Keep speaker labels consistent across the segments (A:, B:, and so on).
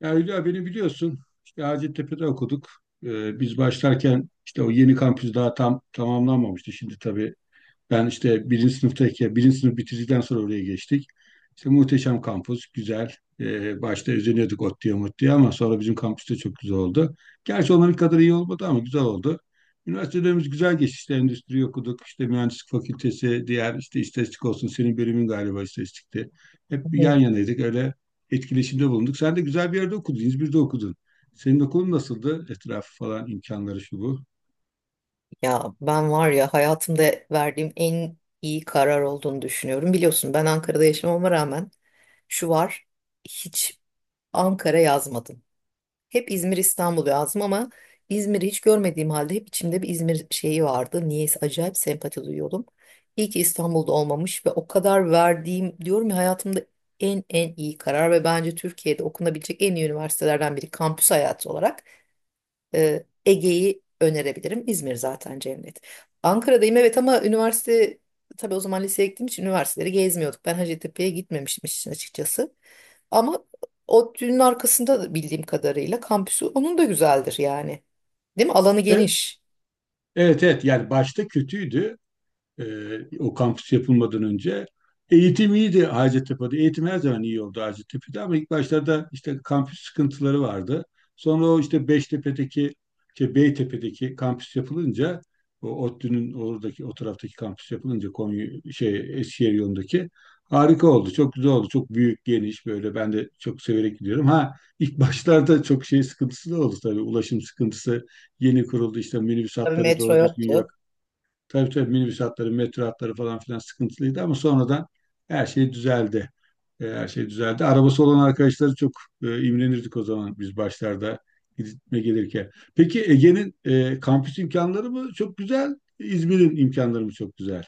A: Ya Hülya, beni biliyorsun. İşte Hacettepe'de okuduk. Biz başlarken işte o yeni kampüs daha tam tamamlanmamıştı. Şimdi tabii ben işte birinci sınıftayken, birinci sınıf bitirdikten sonra oraya geçtik. İşte muhteşem kampüs, güzel. Başta özeniyorduk ot mutluya ama sonra bizim kampüs de çok güzel oldu. Gerçi onların kadar iyi olmadı ama güzel oldu. Üniversitelerimiz güzel geçti. İşte endüstri okuduk, işte mühendislik fakültesi, diğer işte istatistik olsun, senin bölümün galiba istatistikti. Hep yan
B: Evet.
A: yanaydık, öyle etkileşimde bulunduk. Sen de güzel bir yerde okudun, İzmir'de okudun. Senin okulun nasıldı? Etrafı falan, imkanları şu bu.
B: Ya ben var ya hayatımda verdiğim en iyi karar olduğunu düşünüyorum. Biliyorsun ben Ankara'da yaşamama rağmen şu var hiç Ankara yazmadım. Hep İzmir İstanbul yazdım ama İzmir'i hiç görmediğim halde hep içimde bir İzmir şeyi vardı. Niyeyse acayip sempati duyuyordum. İyi ki İstanbul'da olmamış ve o kadar verdiğim diyorum ya hayatımda en iyi karar ve bence Türkiye'de okunabilecek en iyi üniversitelerden biri kampüs hayatı olarak. Ege'yi önerebilirim. İzmir zaten cennet. Ankara'dayım, evet, ama üniversite, tabii o zaman liseye gittiğim için üniversiteleri gezmiyorduk. Ben Hacettepe'ye gitmemiştim işin açıkçası. Ama o düğünün arkasında da bildiğim kadarıyla kampüsü onun da güzeldir yani. Değil mi? Alanı
A: E,
B: geniş.
A: evet evet, yani başta kötüydü o kampüs yapılmadan önce. Eğitim iyiydi Hacettepe'de. Eğitim her zaman iyi oldu Hacettepe'de ama ilk başlarda işte kampüs sıkıntıları vardı. Sonra o işte Beştepe'deki, şey Beytepe'deki kampüs yapılınca, o ODTÜ'nün oradaki, o taraftaki kampüs yapılınca Konya, şey Eskişehir yolundaki harika oldu. Çok güzel oldu. Çok büyük, geniş böyle ben de çok severek gidiyorum. Ha ilk başlarda çok şey sıkıntısı da oldu tabii. Ulaşım sıkıntısı yeni kuruldu. İşte minibüs
B: Tabii
A: hatları
B: metro
A: doğru düzgün yok.
B: yoktu.
A: Tabii tabii, minibüs hatları, metro hatları falan filan sıkıntılıydı ama sonradan her şey düzeldi. Her şey düzeldi. Arabası olan arkadaşları çok imrenirdik o zaman biz başlarda gitme gelirken. Peki Ege'nin kampüs imkanları mı çok güzel, İzmir'in imkanları mı çok güzel?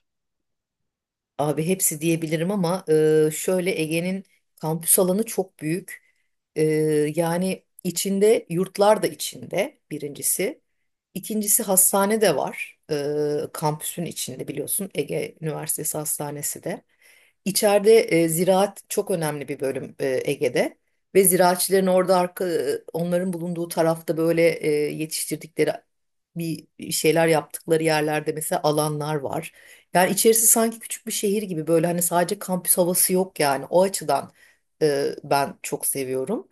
B: Abi hepsi diyebilirim ama şöyle Ege'nin kampüs alanı çok büyük. E, Yani içinde yurtlar da, içinde birincisi. İkincisi hastane de var. Kampüsün içinde biliyorsun Ege Üniversitesi Hastanesi de. İçeride ziraat çok önemli bir bölüm Ege'de. Ve ziraatçıların orada arka, onların bulunduğu tarafta böyle yetiştirdikleri, bir şeyler yaptıkları yerlerde mesela alanlar var. Yani içerisi sanki küçük bir şehir gibi, böyle hani sadece kampüs havası yok yani. O açıdan ben çok seviyorum.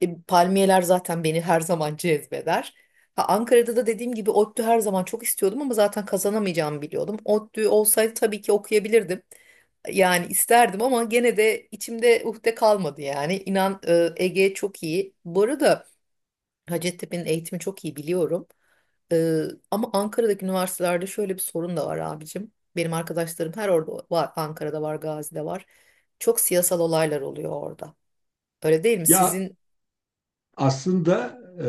B: Palmiyeler zaten beni her zaman cezbeder. Ha, Ankara'da da dediğim gibi ODTÜ her zaman çok istiyordum ama zaten kazanamayacağımı biliyordum. ODTÜ olsaydı tabii ki okuyabilirdim. Yani isterdim ama gene de içimde uhde kalmadı yani. İnan Ege çok iyi. Bu arada Hacettepe'nin eğitimi çok iyi biliyorum. Ee, Ama Ankara'daki üniversitelerde şöyle bir sorun da var abicim. Benim arkadaşlarım her orada var. Ankara'da var, Gazi'de var. Çok siyasal olaylar oluyor orada. Öyle değil mi?
A: Ya
B: Sizin
A: aslında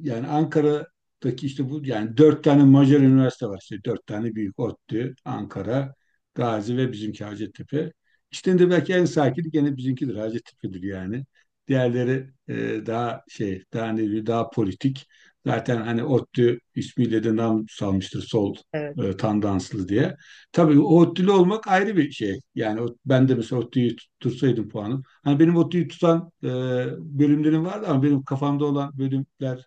A: yani Ankara'daki işte bu yani dört tane Macar üniversite var, işte dört tane büyük: ODTÜ, Ankara, Gazi ve bizimki Hacettepe. İçlerinde belki en sakini gene bizimkidir, Hacettepe'dir yani. Diğerleri daha şey, daha ne diyeyim, daha politik. Zaten hani ODTÜ ismiyle de nam salmıştır sol
B: evet.
A: tandanslı diye. Tabii ODTÜ'lü olmak ayrı bir şey. Yani ben de mesela ODTÜ'yü tutursaydım puanım. Hani benim o tüyü tutan bölümlerim vardı ama benim kafamda olan bölümler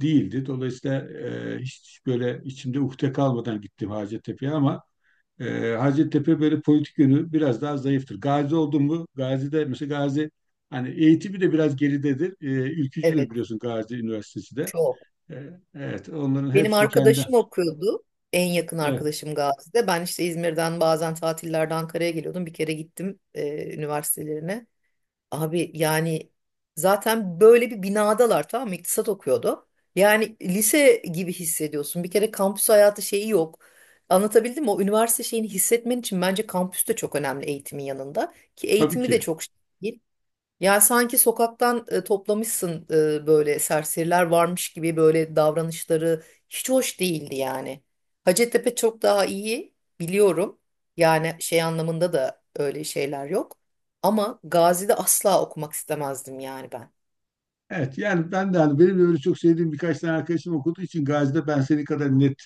A: değildi. Dolayısıyla hiç böyle içimde ukde kalmadan gittim Hacettepe'ye ama Hacettepe böyle politik yönü biraz daha zayıftır. Gazi oldum mu? Gazi'de mesela Gazi hani eğitimi de biraz geridedir. Ülkücüdür
B: Evet.
A: biliyorsun Gazi Üniversitesi de.
B: Çok.
A: Evet, onların
B: Benim
A: hepsini kendi.
B: arkadaşım okuyordu. En yakın
A: Evet,
B: arkadaşım Gazi'de. Ben işte İzmir'den bazen tatillerde Ankara'ya geliyordum. Bir kere gittim üniversitelerine. Abi yani zaten böyle bir binadalar, tamam mı? İktisat okuyordu. Yani lise gibi hissediyorsun. Bir kere kampüs hayatı şeyi yok. Anlatabildim mi? O üniversite şeyini hissetmen için bence kampüs de çok önemli eğitimin yanında. Ki
A: tabii
B: eğitimi de
A: ki.
B: çok şey değil. Yani sanki sokaktan toplamışsın, böyle serseriler varmış gibi, böyle davranışları hiç hoş değildi yani. Hacettepe çok daha iyi biliyorum. Yani şey anlamında da öyle şeyler yok. Ama Gazi'de asla okumak istemezdim yani ben.
A: Evet, yani ben de hani, benim de öyle çok sevdiğim birkaç tane arkadaşım okuduğu için Gazi'de, ben senin kadar net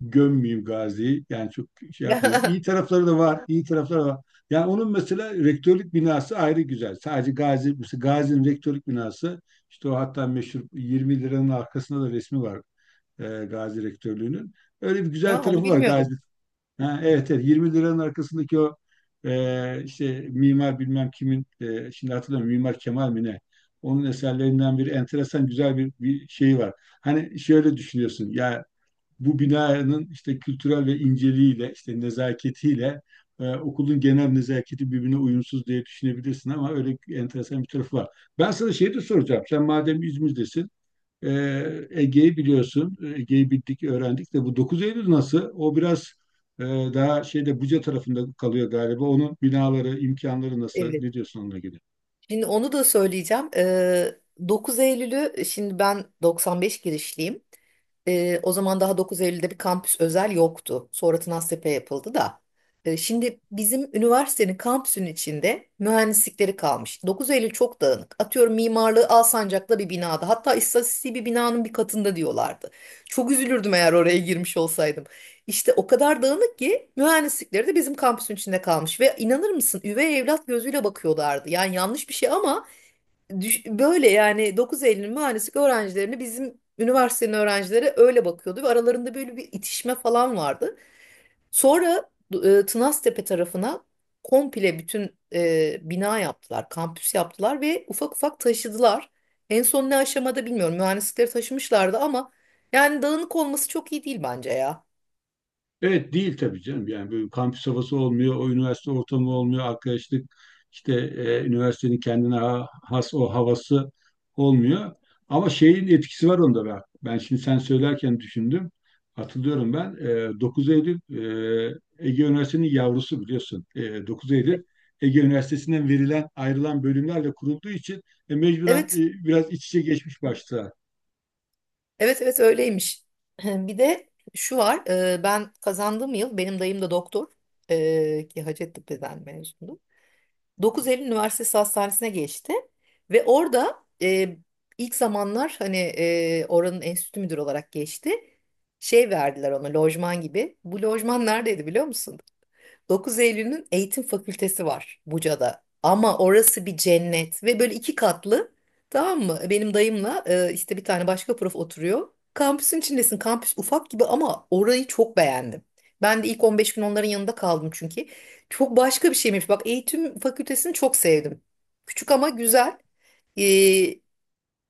A: gömmeyeyim Gazi'yi. Yani çok şey yapmayayım. İyi tarafları da var, iyi tarafları da var. Yani onun mesela rektörlük binası ayrı güzel. Sadece Gazi, mesela Gazi'nin rektörlük binası işte o, hatta meşhur 20 liranın arkasında da resmi var Gazi rektörlüğünün. Öyle bir güzel
B: Ya onu
A: tarafı var Gazi.
B: bilmiyordum.
A: Ha, evet evet, 20 liranın arkasındaki o işte mimar bilmem kimin, şimdi hatırlamıyorum, Mimar Kemal mi ne? Onun eserlerinden bir enteresan güzel bir şey var. Hani şöyle düşünüyorsun ya, bu binanın işte kültürel ve inceliğiyle, işte nezaketiyle okulun genel nezaketi birbirine uyumsuz diye düşünebilirsin ama öyle enteresan bir tarafı var. Ben sana şey de soracağım. Sen madem İzmir'desin, e, Ege'yi biliyorsun. E, Ege'yi bildik, öğrendik de bu dokuz Eylül nasıl? O biraz e, daha şeyde Buca tarafında kalıyor galiba. Onun binaları, imkanları nasıl?
B: Evet.
A: Ne diyorsun onunla ilgili?
B: Şimdi onu da söyleyeceğim. 9 Eylül'ü, şimdi ben 95 girişliyim. O zaman daha 9 Eylül'de bir kampüs özel yoktu. Sonra Tınaztepe yapıldı da. Şimdi bizim üniversitenin kampüsünün içinde mühendislikleri kalmış. 9 Eylül çok dağınık. Atıyorum mimarlığı Alsancak'ta bir binada. Hatta istatistiği bir binanın bir katında diyorlardı. Çok üzülürdüm eğer oraya girmiş olsaydım. İşte o kadar dağınık ki mühendislikleri de bizim kampüsün içinde kalmış ve inanır mısın üvey evlat gözüyle bakıyorlardı. Yani yanlış bir şey ama böyle yani 9 Eylül mühendislik öğrencilerini bizim üniversitenin öğrencileri öyle bakıyordu ve aralarında böyle bir itişme falan vardı. Sonra Tınaztepe tarafına komple bütün bina yaptılar, kampüs yaptılar ve ufak ufak taşıdılar. En son ne aşamada bilmiyorum mühendislikleri taşımışlardı ama yani dağınık olması çok iyi değil bence ya.
A: Evet, değil tabii canım. Yani böyle kampüs havası olmuyor, o üniversite ortamı olmuyor, arkadaşlık işte üniversitenin kendine has o havası olmuyor. Ama şeyin etkisi var onda, ben. Ben şimdi sen söylerken düşündüm. Hatırlıyorum ben. E, 9 Eylül Ege Üniversitesi'nin yavrusu biliyorsun. E, 9 Eylül Ege Üniversitesi'nden verilen ayrılan bölümlerle kurulduğu için mecburen
B: Evet.
A: biraz iç içe geçmiş başta.
B: Evet, evet öyleymiş. Bir de şu var, ben kazandığım yıl benim dayım da doktor, ki Hacettepe'den mezundu. 9 Eylül Üniversitesi Hastanesi'ne geçti ve orada ilk zamanlar hani oranın enstitü müdürü olarak geçti. Şey verdiler ona, lojman gibi. Bu lojman neredeydi biliyor musun? 9 Eylül'ün eğitim fakültesi var Buca'da. Ama orası bir cennet ve böyle iki katlı, tamam mı? Benim dayımla işte bir tane başka prof oturuyor. Kampüsün içindesin. Kampüs ufak gibi ama orayı çok beğendim. Ben de ilk 15 gün onların yanında kaldım çünkü. Çok başka bir şeymiş. Bak eğitim fakültesini çok sevdim. Küçük ama güzel. E,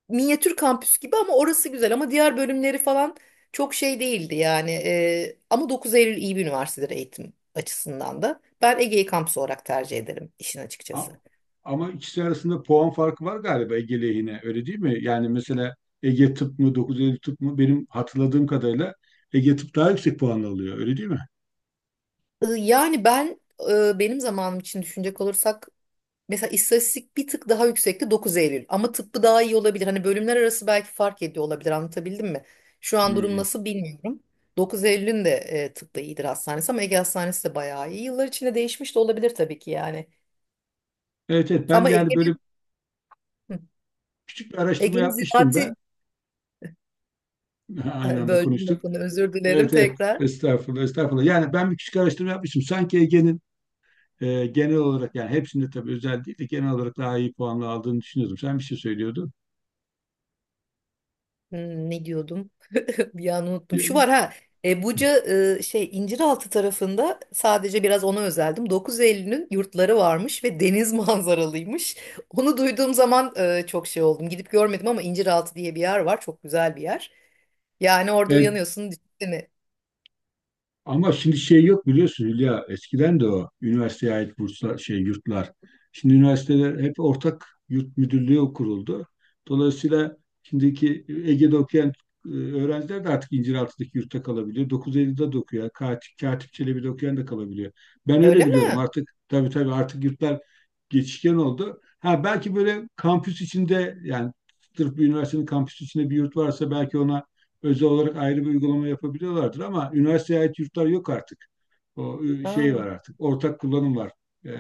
B: Minyatür kampüs gibi ama orası güzel, ama diğer bölümleri falan çok şey değildi yani. Ama 9 Eylül iyi bir üniversitedir eğitim açısından da. Ben Ege'yi kampüs olarak tercih ederim işin
A: A-
B: açıkçası.
A: Ama ikisi arasında puan farkı var galiba Ege lehine, öyle değil mi? Yani mesela Ege Tıp mı, dokuz Eylül Tıp mı, benim hatırladığım kadarıyla Ege Tıp daha yüksek puan alıyor, öyle değil mi?
B: Yani ben, benim zamanım için düşünecek olursak mesela istatistik bir tık daha yüksekti 9 Eylül, ama tıbbı daha iyi olabilir. Hani bölümler arası belki fark ediyor olabilir, anlatabildim mi? Şu an durum
A: Hmm.
B: nasıl bilmiyorum. 9 Eylül'ün de tıbbı iyidir, hastanesi, ama Ege Hastanesi de bayağı iyi. Yıllar içinde değişmiş de olabilir tabii ki yani.
A: Evet evet, ben
B: Ama
A: yani böyle
B: Ege'nin, hı.
A: küçük bir araştırma
B: Ege'nin
A: yapmıştım
B: ziraati,
A: ben. Aynı
B: ha,
A: anda
B: böldüm
A: konuştuk.
B: lafını, özür dilerim
A: Evet evet,
B: tekrar.
A: estağfurullah estağfurullah. Yani ben bir küçük araştırma yapmıştım. Sanki Ege'nin genel olarak, yani hepsinde tabii özel değil de genel olarak daha iyi puanla aldığını düşünüyordum. Sen bir şey söylüyordun.
B: Hmm, ne diyordum? Bir an unuttum. Şu var ha. Buca, şey İnciraltı tarafında sadece biraz ona özeldim. 9 Eylül'ün yurtları varmış ve deniz manzaralıymış. Onu duyduğum zaman çok şey oldum. Gidip görmedim ama İnciraltı diye bir yer var. Çok güzel bir yer. Yani orada
A: Evet.
B: uyanıyorsun, düşünsene.
A: Ama şimdi şey yok biliyorsun Hülya. Eskiden de o üniversiteye ait burslar, şey yurtlar. Şimdi üniversiteler hep ortak yurt müdürlüğü kuruldu. Dolayısıyla şimdiki Ege'de okuyan öğrenciler de artık İnciraltı'daki yurtta kalabiliyor. 950'de de okuyor. Yani Katip, Katip Çelebi'de okuyan da kalabiliyor. Ben öyle
B: Öyle
A: biliyorum.
B: mi?
A: Artık tabii tabii, artık yurtlar geçişken oldu. Ha belki böyle kampüs içinde, yani sırf bir üniversitenin kampüsü içinde bir yurt varsa belki ona özel olarak ayrı bir uygulama yapabiliyorlardır ama üniversiteye ait yurtlar yok artık. O şey
B: Ha.
A: var artık. Ortak kullanım var. E,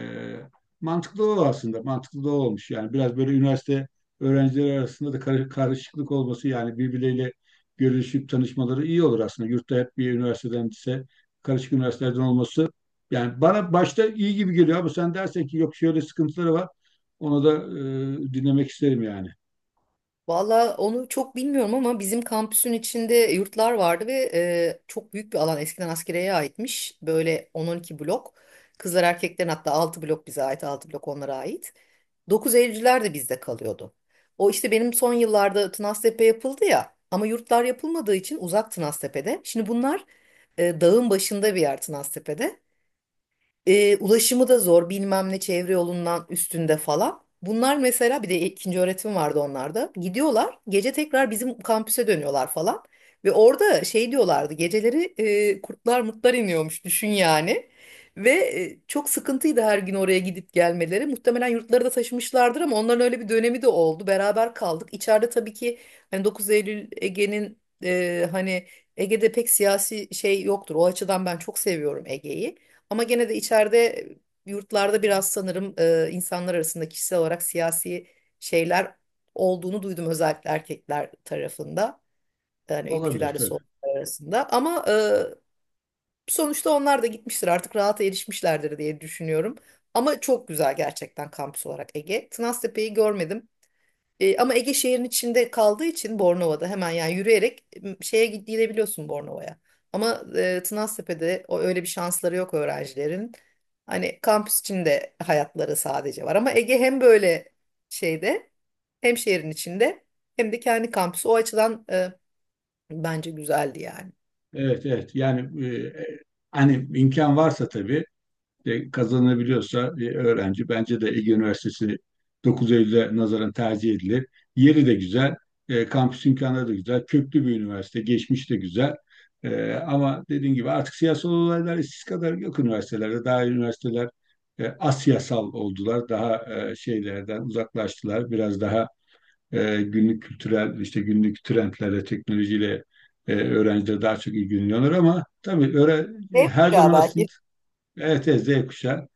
A: Mantıklı o aslında. Mantıklı da o olmuş. Yani biraz böyle üniversite öğrencileri arasında da karışıklık olması, yani birbirleriyle görüşüp tanışmaları iyi olur aslında. Yurtta hep bir üniversiteden ise, karışık üniversitelerden olması yani bana başta iyi gibi geliyor ama sen dersen ki yok şöyle sıkıntıları var, onu da dinlemek isterim yani.
B: Valla onu çok bilmiyorum ama bizim kampüsün içinde yurtlar vardı ve çok büyük bir alan, eskiden askeriyeye aitmiş. Böyle 10-12 blok. Kızlar erkeklerin, hatta 6 blok bize ait, 6 blok onlara ait. 9 Eylülcüler de bizde kalıyordu. O işte benim son yıllarda Tınaztepe yapıldı ya, ama yurtlar yapılmadığı için uzak Tınaztepe'de. Şimdi bunlar dağın başında bir yer Tınaztepe'de. Ulaşımı da zor, bilmem ne çevre yolundan üstünde falan. Bunlar mesela, bir de ikinci öğretim vardı onlarda. Gidiyorlar gece tekrar bizim kampüse dönüyorlar falan. Ve orada şey diyorlardı, geceleri kurtlar mutlar iniyormuş, düşün yani. Ve çok sıkıntıydı her gün oraya gidip gelmeleri. Muhtemelen yurtları da taşımışlardır ama onların öyle bir dönemi de oldu. Beraber kaldık. İçeride tabii ki hani 9 Eylül, Ege'nin hani Ege'de pek siyasi şey yoktur. O açıdan ben çok seviyorum Ege'yi. Ama gene de içeride, yurtlarda biraz sanırım insanlar arasında kişisel olarak siyasi şeyler olduğunu duydum, özellikle erkekler tarafında. Yani
A: Olabilir
B: ülkücülerle
A: tabii.
B: solcular arasında. Ama sonuçta onlar da gitmiştir, artık rahata erişmişlerdir diye düşünüyorum. Ama çok güzel gerçekten, kampüs olarak Ege. Tınaztepe'yi görmedim. Ama Ege şehrin içinde kaldığı için Bornova'da hemen, yani yürüyerek şeye gidebiliyorsun Bornova'ya. Ama Tınaztepe'de o öyle bir şansları yok öğrencilerin. Hani kampüs içinde hayatları sadece var. Ama Ege hem böyle şeyde, hem şehrin içinde, hem de kendi kampüsü. O açıdan bence güzeldi yani.
A: Evet evet, yani hani imkan varsa tabii kazanabiliyorsa öğrenci, bence de Ege Üniversitesi 9 Eylül'e nazaran tercih edilir. Yeri de güzel, kampüs imkanları da güzel, köklü bir üniversite, geçmiş de güzel. E, ama dediğim gibi artık siyasal olaylar eskisi kadar yok üniversitelerde. Daha üniversiteler asiyasal oldular, daha şeylerden uzaklaştılar, biraz daha günlük kültürel, işte günlük trendlerle, teknolojiyle öğrenciler daha çok ilgileniyorlar ama tabii öyle
B: Ne
A: her
B: ya
A: zaman aslında,
B: belki?
A: evet evet, Z kuşağı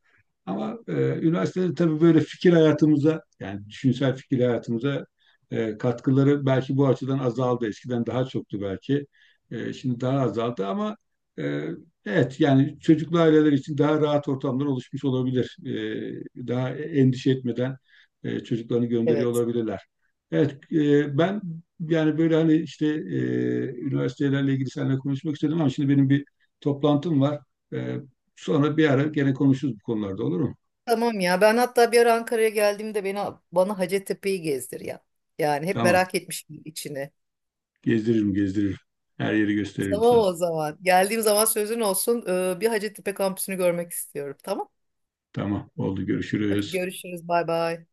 A: ama üniversitede tabii böyle fikir hayatımıza, yani düşünsel fikir hayatımıza katkıları belki bu açıdan azaldı. Eskiden daha çoktu belki. E, şimdi daha azaldı ama e, evet, yani çocuklu aileler için daha rahat ortamlar oluşmuş olabilir. E, daha endişe etmeden çocuklarını gönderiyor
B: Evet.
A: olabilirler. Evet, ben yani böyle hani işte üniversitelerle ilgili seninle konuşmak istedim ama şimdi benim bir toplantım var. E, sonra bir ara gene konuşuruz bu konularda, olur mu?
B: Tamam ya, ben hatta bir ara Ankara'ya geldiğimde beni, bana Hacettepe'yi gezdir ya. Yani hep
A: Tamam.
B: merak etmişim içini.
A: Gezdiririm, gezdiririm. Her yeri gösteririm
B: Tamam
A: sana.
B: o zaman. Geldiğim zaman sözün olsun. Bir Hacettepe kampüsünü görmek istiyorum. Tamam.
A: Tamam, oldu.
B: Hadi
A: Görüşürüz.
B: görüşürüz. Bay bay.